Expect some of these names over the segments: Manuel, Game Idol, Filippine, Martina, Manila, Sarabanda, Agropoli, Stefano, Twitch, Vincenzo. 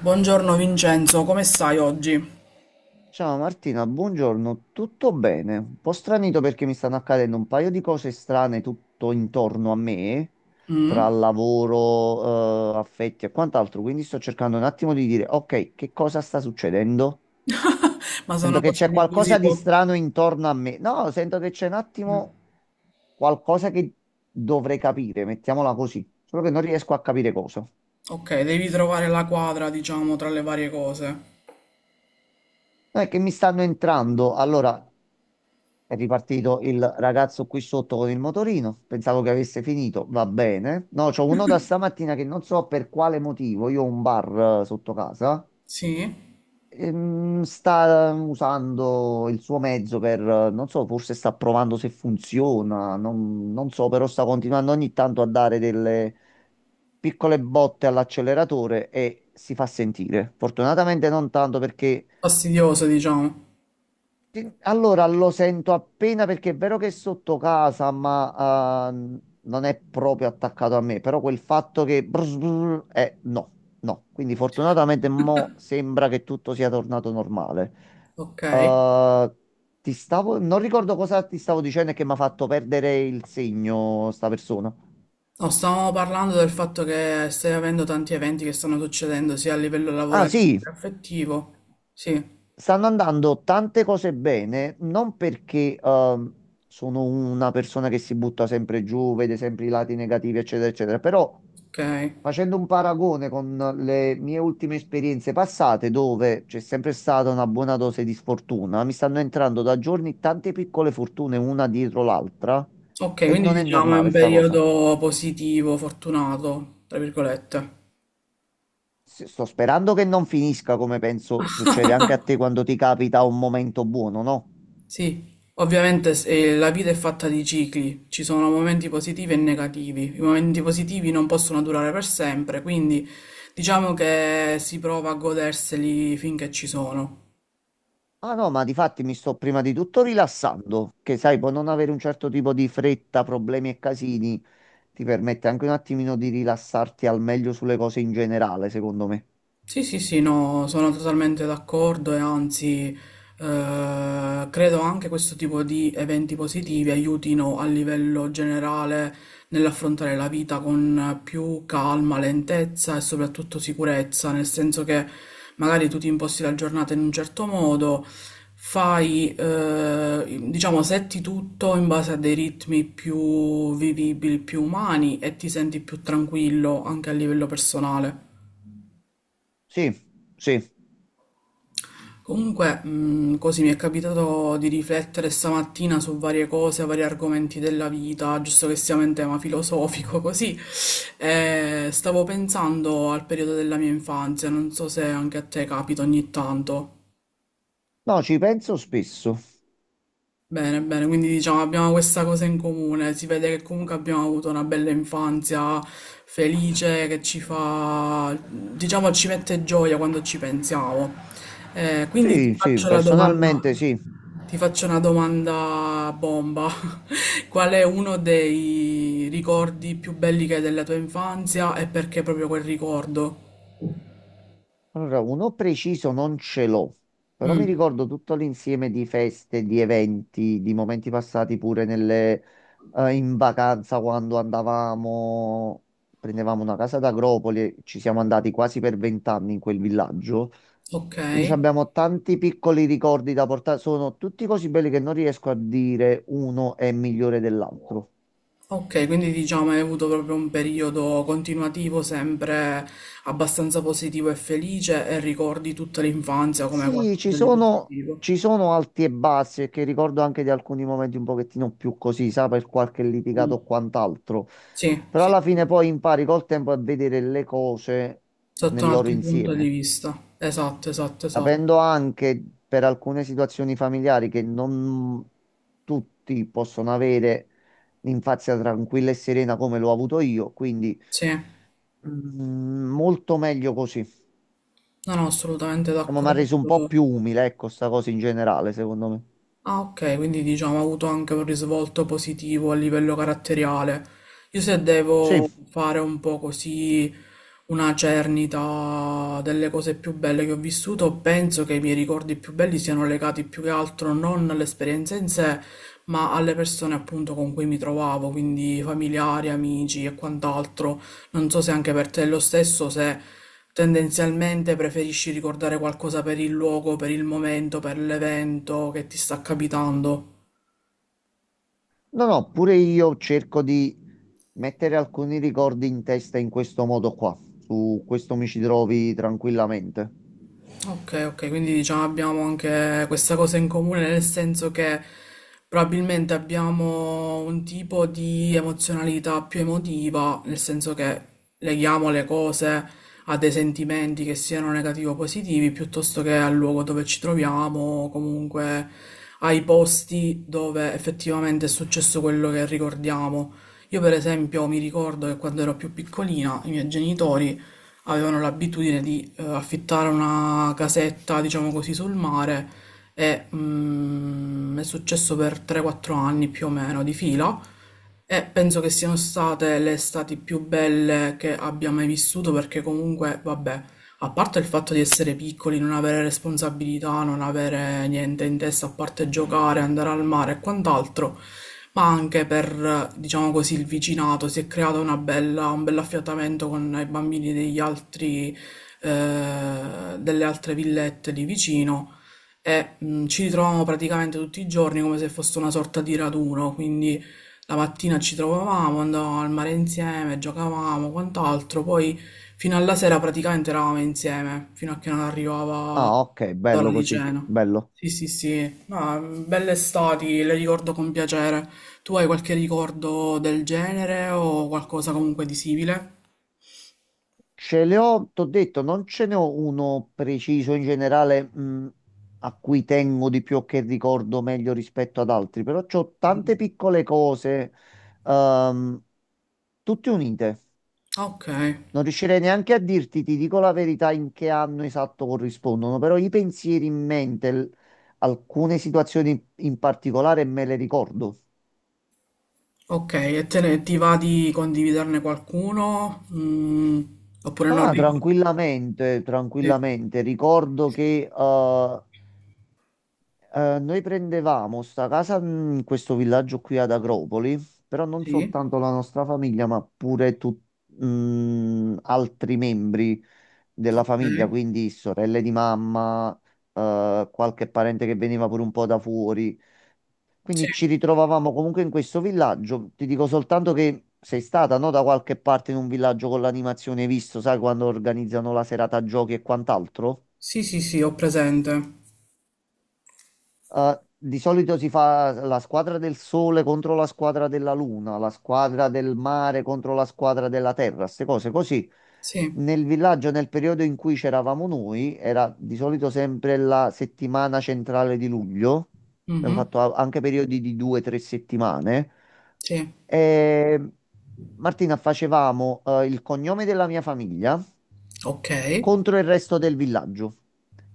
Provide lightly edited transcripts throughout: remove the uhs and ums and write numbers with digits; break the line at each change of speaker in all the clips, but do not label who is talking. Buongiorno Vincenzo, come stai oggi?
Ciao Martina, buongiorno, tutto bene? Un po' stranito perché mi stanno accadendo un paio di cose strane tutto intorno a me, tra lavoro, affetti e quant'altro, quindi sto cercando un attimo di dire, ok, che cosa sta succedendo?
Ma
Sento
sono
che
cose
c'è
di cui si
qualcosa di
può...
strano intorno a me. No, sento che c'è un attimo qualcosa che dovrei capire, mettiamola così, solo che non riesco a capire cosa.
Ok, devi trovare la quadra, diciamo, tra le varie cose.
Non è che mi stanno entrando, allora. È ripartito il ragazzo qui sotto con il motorino. Pensavo che avesse finito. Va bene. No, c'ho uno da stamattina che non so per quale motivo. Io ho un bar, sotto casa.
Sì?
Sta usando il suo mezzo per, non so, forse sta provando se funziona. Non so, però sta continuando ogni tanto a dare delle piccole botte all'acceleratore e si fa sentire. Fortunatamente non tanto perché.
Fastidioso, diciamo.
Sì, allora lo sento appena perché è vero che è sotto casa, ma non è proprio attaccato a me, però quel fatto che brr, brr, no, no. Quindi fortunatamente mo sembra che tutto sia tornato normale.
Ok.
Eh, ti stavo, non ricordo cosa ti stavo dicendo e che mi ha fatto perdere il segno sta persona.
No, stavamo parlando del fatto che stai avendo tanti eventi che stanno succedendo sia a livello
Ah,
lavorativo
sì.
che affettivo. Sì,
Stanno andando tante cose bene, non perché sono una persona che si butta sempre giù, vede sempre i lati negativi, eccetera, eccetera, però
ok.
facendo un paragone con le mie ultime esperienze passate, dove c'è sempre stata una buona dose di sfortuna, mi stanno entrando da giorni tante piccole fortune una dietro l'altra
Ok,
e
quindi
non è
diciamo è un
normale sta cosa.
periodo positivo, fortunato, tra virgolette.
Sto sperando che non finisca come penso succede anche a te quando ti capita un momento buono, no?
Sì, ovviamente la vita è fatta di cicli, ci sono momenti positivi e negativi. I momenti positivi non possono durare per sempre, quindi diciamo che si prova a goderseli finché ci sono.
Ah no, ma di fatti mi sto prima di tutto rilassando, che sai, può non avere un certo tipo di fretta, problemi e casini, ti permette anche un attimino di rilassarti al meglio sulle cose in generale, secondo me.
Sì, sì, sì, no, sono totalmente d'accordo e anzi credo anche questo tipo di eventi positivi aiutino a livello generale nell'affrontare la vita con più calma, lentezza e soprattutto sicurezza, nel senso che magari tu ti imposti la giornata in un certo modo, fai, diciamo, setti tutto in base a dei ritmi più vivibili, più umani e ti senti più tranquillo anche a livello personale.
Sì, sì.
Comunque, così mi è capitato di riflettere stamattina su varie cose, vari argomenti della vita, giusto che siamo in tema filosofico, così. E stavo pensando al periodo della mia infanzia, non so se anche a te capita ogni tanto.
No, ci penso spesso.
Bene, bene, quindi diciamo abbiamo questa cosa in comune, si vede che comunque abbiamo avuto una bella infanzia felice che ci fa, diciamo, ci mette gioia quando ci pensiamo. Quindi ti
Sì, sì,
faccio la domanda,
personalmente sì.
ti faccio una domanda bomba. Qual è uno dei ricordi più belli che hai della tua infanzia e perché proprio quel ricordo?
Allora, uno preciso non ce l'ho, però mi
Mm,
ricordo tutto l'insieme di feste, di eventi, di momenti passati pure in vacanza quando andavamo, prendevamo una casa ad Agropoli, e ci siamo andati quasi per 20 anni in quel villaggio.
ok.
Quindi ci abbiamo tanti piccoli ricordi da portare, sono tutti così belli che non riesco a dire uno è migliore dell'altro.
Ok, quindi diciamo hai avuto proprio un periodo continuativo sempre abbastanza positivo e felice e ricordi tutta l'infanzia come
Sì, ci
qualcosa di
sono,
positivo.
ci sono alti e bassi, e che ricordo anche di alcuni momenti un pochettino più così, sa, per qualche
Mm.
litigato o quant'altro.
Sì,
Però
sì,
alla
sì.
fine poi impari col tempo a vedere le cose
Sotto
nel
un
loro
altro punto di
insieme,
vista. Esatto, esatto, esatto.
sapendo anche per alcune situazioni familiari che non tutti possono avere l'infanzia tranquilla e serena come l'ho avuto io, quindi
Sì, non
molto meglio così.
ho assolutamente
Ma mi ha reso un po'
d'accordo.
più umile, ecco, sta cosa in generale, secondo me.
Ah, ok, quindi diciamo ha avuto anche un risvolto positivo a livello caratteriale. Io se
Sì.
devo fare un po' così una cernita delle cose più belle che ho vissuto, penso che i miei ricordi più belli siano legati più che altro non all'esperienza in sé, ma alle persone appunto con cui mi trovavo, quindi familiari, amici e quant'altro. Non so se anche per te è lo stesso, se tendenzialmente preferisci ricordare qualcosa per il luogo, per il momento, per l'evento che ti sta capitando.
No, no, pure io cerco di mettere alcuni ricordi in testa in questo modo qua. Su questo mi ci trovi tranquillamente.
Ok, ok, quindi diciamo abbiamo anche questa cosa in comune, nel senso che probabilmente abbiamo un tipo di emozionalità più emotiva, nel senso che leghiamo le cose a dei sentimenti che siano negativi o positivi, piuttosto che al luogo dove ci troviamo, o comunque ai posti dove effettivamente è successo quello che ricordiamo. Io per esempio mi ricordo che quando ero più piccolina, i miei genitori avevano l'abitudine di affittare una casetta, diciamo così, sul mare e mm, è successo per 3-4 anni più o meno di fila e penso che siano state le estati più belle che abbia mai vissuto perché comunque, vabbè, a parte il fatto di essere piccoli, non avere responsabilità, non avere niente in testa, a parte giocare, andare al mare e quant'altro, ma anche per, diciamo così, il vicinato si è creato una bella, un bel affiatamento con i bambini degli altri, delle altre villette di vicino e ci ritroviamo praticamente tutti i giorni come se fosse una sorta di raduno, quindi la mattina ci trovavamo, andavamo al mare insieme, giocavamo, quant'altro, poi fino alla sera praticamente eravamo insieme, fino a che non arrivava
Ah, ok,
l'ora
bello
di
così,
cena.
bello.
Sì, sì, sì, ma mm, belle estati, le ricordo con piacere. Tu hai qualche ricordo del genere o qualcosa comunque di simile?
Ce le ho, t'ho detto, non ce ne ho uno preciso in generale, a cui tengo di più o che ricordo meglio rispetto ad altri, però c'ho tante piccole cose, ehm, tutte unite.
Ok,
Non riuscirei neanche a dirti, ti dico la verità, in che anno esatto corrispondono, però i pensieri in mente, alcune situazioni in particolare me le ricordo.
ok, e te ne ti va di condividerne qualcuno? Mm, oppure non
Ah,
ricordo?
tranquillamente,
Sì,
tranquillamente. Ricordo che noi prendevamo sta casa in questo villaggio qui ad Agropoli, però non
sì,
soltanto la nostra famiglia, ma pure altri membri della
ok,
famiglia, quindi sorelle di mamma, qualche parente che veniva pure un po' da fuori.
sì,
Quindi ci ritrovavamo comunque in questo villaggio. Ti dico soltanto che sei stata, no, da qualche parte in un villaggio con l'animazione, hai visto, sai, quando organizzano la serata giochi e quant'altro?
sì, sì, sì, ho presente.
Di solito si fa la squadra del sole contro la squadra della luna, la squadra del mare contro la squadra della terra, queste cose così.
Sì.
Nel villaggio, nel periodo in cui c'eravamo noi, era di solito sempre la settimana centrale di luglio. Abbiamo
Mh-mh.
fatto anche periodi di 2 o 3 settimane.
Sì.
E, Martina, facevamo il cognome della mia famiglia
Okay.
contro il resto del villaggio.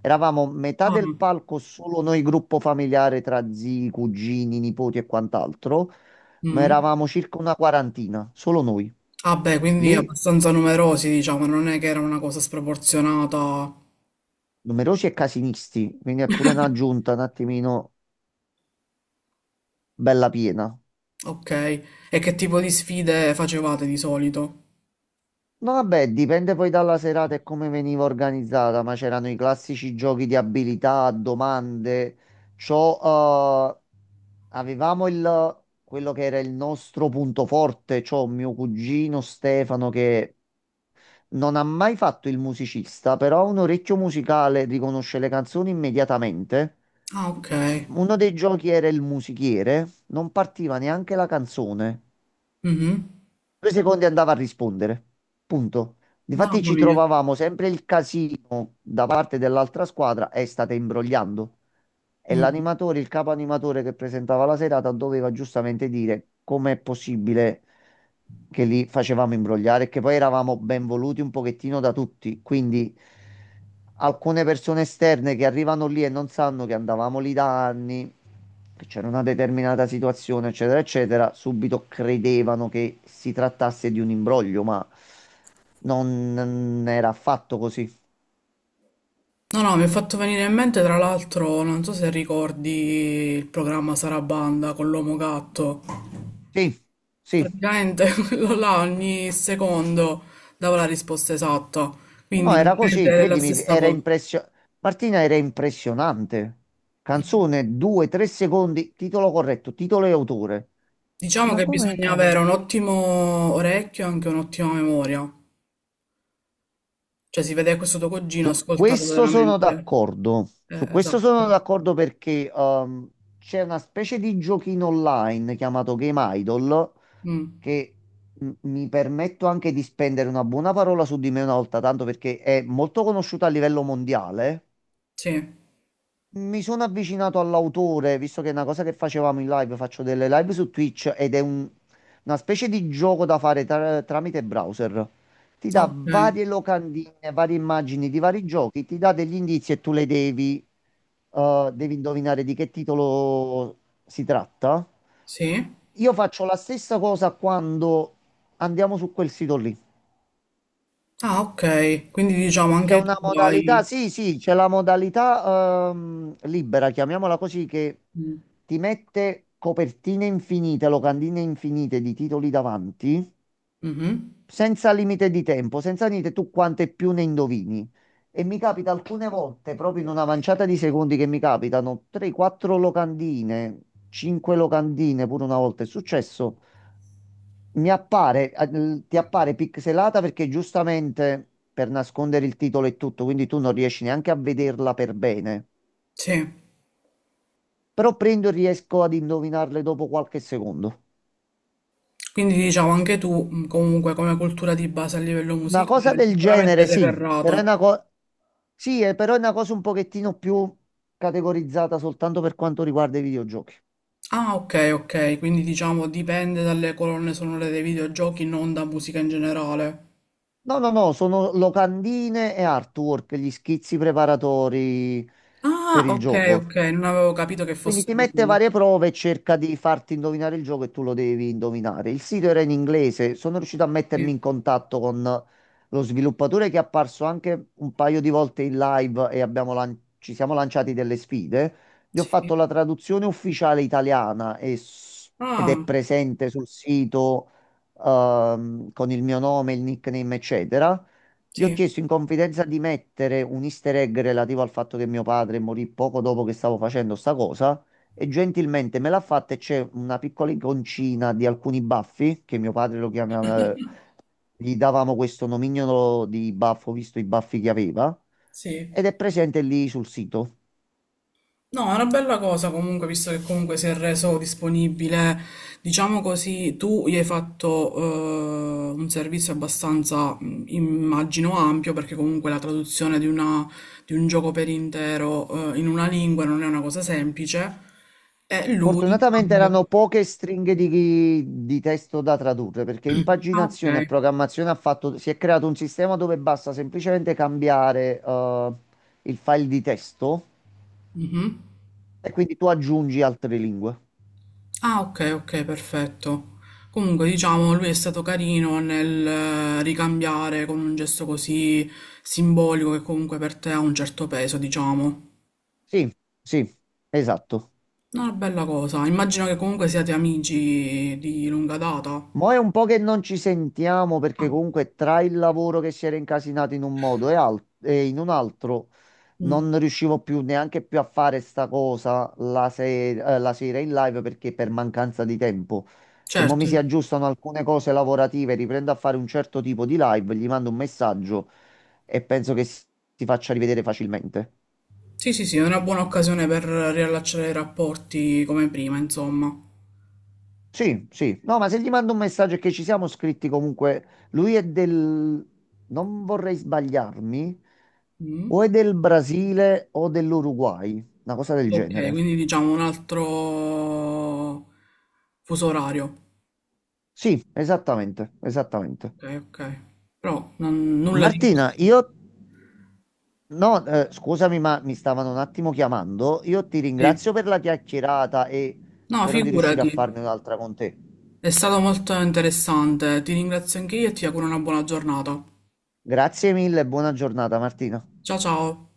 Eravamo metà del
Ah.
palco, solo noi gruppo familiare tra zii, cugini, nipoti e quant'altro, ma
Mh.
eravamo circa una quarantina, solo noi.
Ah beh, quindi
Lì
abbastanza numerosi diciamo, non è che era una cosa sproporzionata.
numerosi e casinisti, quindi è pure una giunta un attimino bella piena.
Okay. E che tipo di sfide facevate di solito?
No, vabbè, dipende poi dalla serata e come veniva organizzata, ma c'erano i classici giochi di abilità, domande. C'ho, eh, Quello che era il nostro punto forte, cioè mio cugino Stefano che non ha mai fatto il musicista, però ha un orecchio musicale, riconosce le canzoni immediatamente.
Ah okay.
Uno dei giochi era il musichiere, non partiva neanche la canzone.
Mh-mh.
2 secondi andava a rispondere. Punto. Difatti
Mamma
ci
mia.
trovavamo sempre il casino da parte dell'altra squadra e state imbrogliando. E
Mh.
l'animatore, il capo animatore che presentava la serata, doveva giustamente dire com'è possibile che li facevamo imbrogliare, e che poi eravamo ben voluti un pochettino da tutti. Quindi alcune persone esterne che arrivano lì e non sanno che andavamo lì da anni, che c'era una determinata situazione, eccetera, eccetera, subito credevano che si trattasse di un imbroglio, ma non era affatto così.
No, no, mi è fatto venire in mente tra l'altro, non so se ricordi il programma Sarabanda con l'Uomo Gatto.
Sì, sì.
Praticamente quello là ogni secondo dava la risposta esatta, quindi
No, era
praticamente
così,
è la
credimi,
stessa
era
cosa.
impressionante. Martina, era impressionante. Canzone, 2, 3 secondi, titolo corretto, titolo e autore. E
Diciamo
ma
che
come
bisogna avere
cavolo?
un ottimo orecchio e anche un'ottima memoria, cioè si vede che questo tuo cugino ha
Su
ascoltato
questo sono
veramente.
d'accordo. Su questo
Esatto.
sono d'accordo perché c'è una specie di giochino online chiamato Game Idol
Mm,
che mi permetto anche di spendere una buona parola su di me una volta tanto perché è molto conosciuta a livello mondiale.
sì,
Mi sono avvicinato all'autore, visto che è una cosa che facevamo in live, faccio delle live su Twitch ed è una specie di gioco da fare tramite browser. Ti dà
ok,
varie locandine, varie immagini di vari giochi, ti dà degli indizi e tu devi indovinare di che titolo si tratta.
sì.
Io faccio la stessa cosa quando andiamo su quel sito lì.
Ah, ok, quindi diciamo
C'è
anche tu
una modalità,
hai...
sì, sì, c'è la modalità libera, chiamiamola così, che
Mm,
ti mette copertine infinite, locandine infinite di titoli davanti,
mhm.
senza limite di tempo, senza niente, tu quante più ne indovini. E mi capita alcune volte, proprio in una manciata di secondi che mi capitano, 3-4 locandine, 5 locandine, pure una volta è successo, ti appare pixelata perché giustamente per nascondere il titolo e tutto, quindi tu non riesci neanche a vederla per bene.
Sì,
Però prendo e riesco ad indovinarle dopo qualche secondo.
quindi diciamo anche tu mm, comunque come cultura di base a livello
Una cosa
musicale
del
sicuramente
genere,
sei
sì, però è
ferrato.
una cosa un pochettino più categorizzata soltanto per quanto riguarda i videogiochi.
Ah, ok, ok, quindi diciamo dipende dalle colonne sonore dei videogiochi, non da musica in generale.
No, no, no, sono locandine e artwork, gli schizzi preparatori
Ah,
per il
ok,
gioco.
ok, non avevo capito che
Quindi ti
fossero
mette
quelle.
varie prove e cerca di farti indovinare il gioco e tu lo devi indovinare. Il sito era in inglese, sono riuscito a mettermi
Sì,
in contatto con lo sviluppatore che è apparso anche un paio di volte in live e abbiamo ci siamo lanciati delle sfide. Gli ho
sì.
fatto la traduzione ufficiale italiana e ed
Ah,
è presente sul sito con il mio nome, il nickname, eccetera. Gli ho
sì,
chiesto in confidenza di mettere un easter egg relativo al fatto che mio padre morì poco dopo che stavo facendo sta cosa e gentilmente me l'ha fatta e c'è una piccola iconcina di alcuni baffi che mio padre lo chiamava, gli davamo questo nomignolo di baffo visto i baffi che aveva
sì.
ed è presente lì sul sito.
No, è una bella cosa comunque, visto che comunque si è reso disponibile, diciamo così, tu gli hai fatto un servizio abbastanza, immagino, ampio, perché comunque la traduzione di di un gioco per intero in una lingua non è una cosa semplice, e lui in
Fortunatamente
cambio...
erano poche stringhe di testo da tradurre perché
Ah, ok.
impaginazione e programmazione ha fatto, si è creato un sistema dove basta semplicemente cambiare il file di testo
Mhm.
e quindi tu aggiungi altre lingue.
Ah, ok, ok, perfetto. Comunque, diciamo, lui è stato carino nel ricambiare con un gesto così simbolico che comunque per te ha un certo peso, diciamo.
Sì, sì, esatto.
No, una bella cosa. Immagino che comunque siate amici di lunga data.
Mo' è un po' che non ci sentiamo perché
Ah,
comunque tra il lavoro che si era incasinato in un modo e, e in un altro.
mm,
Non riuscivo più neanche più a fare sta cosa la, se- la sera in live perché per mancanza di tempo. Se mo mi
certo.
si aggiustano alcune cose lavorative, riprendo a fare un certo tipo di live, gli mando un messaggio e penso che si faccia rivedere facilmente.
Sì, sì, sì, è una buona occasione per riallacciare i rapporti come prima, insomma.
Sì, sì. No, ma se gli mando un messaggio e che ci siamo scritti comunque, lui è del, non vorrei sbagliarmi,
Mm,
o è del Brasile o dell'Uruguay, una cosa del
ok,
genere.
quindi diciamo un altro fuso orario.
Sì, esattamente, esattamente.
Ok, ok. Però non- nulla di
Martina,
così.
io no, scusami, ma mi stavano un attimo chiamando. Io ti
Sì.
ringrazio per la chiacchierata e
No,
spero di riuscire a
figurati,
farne un'altra con te.
è stato molto interessante. Ti ringrazio anche io e ti auguro una buona giornata.
Grazie mille e buona giornata, Martina.
Ciao ciao.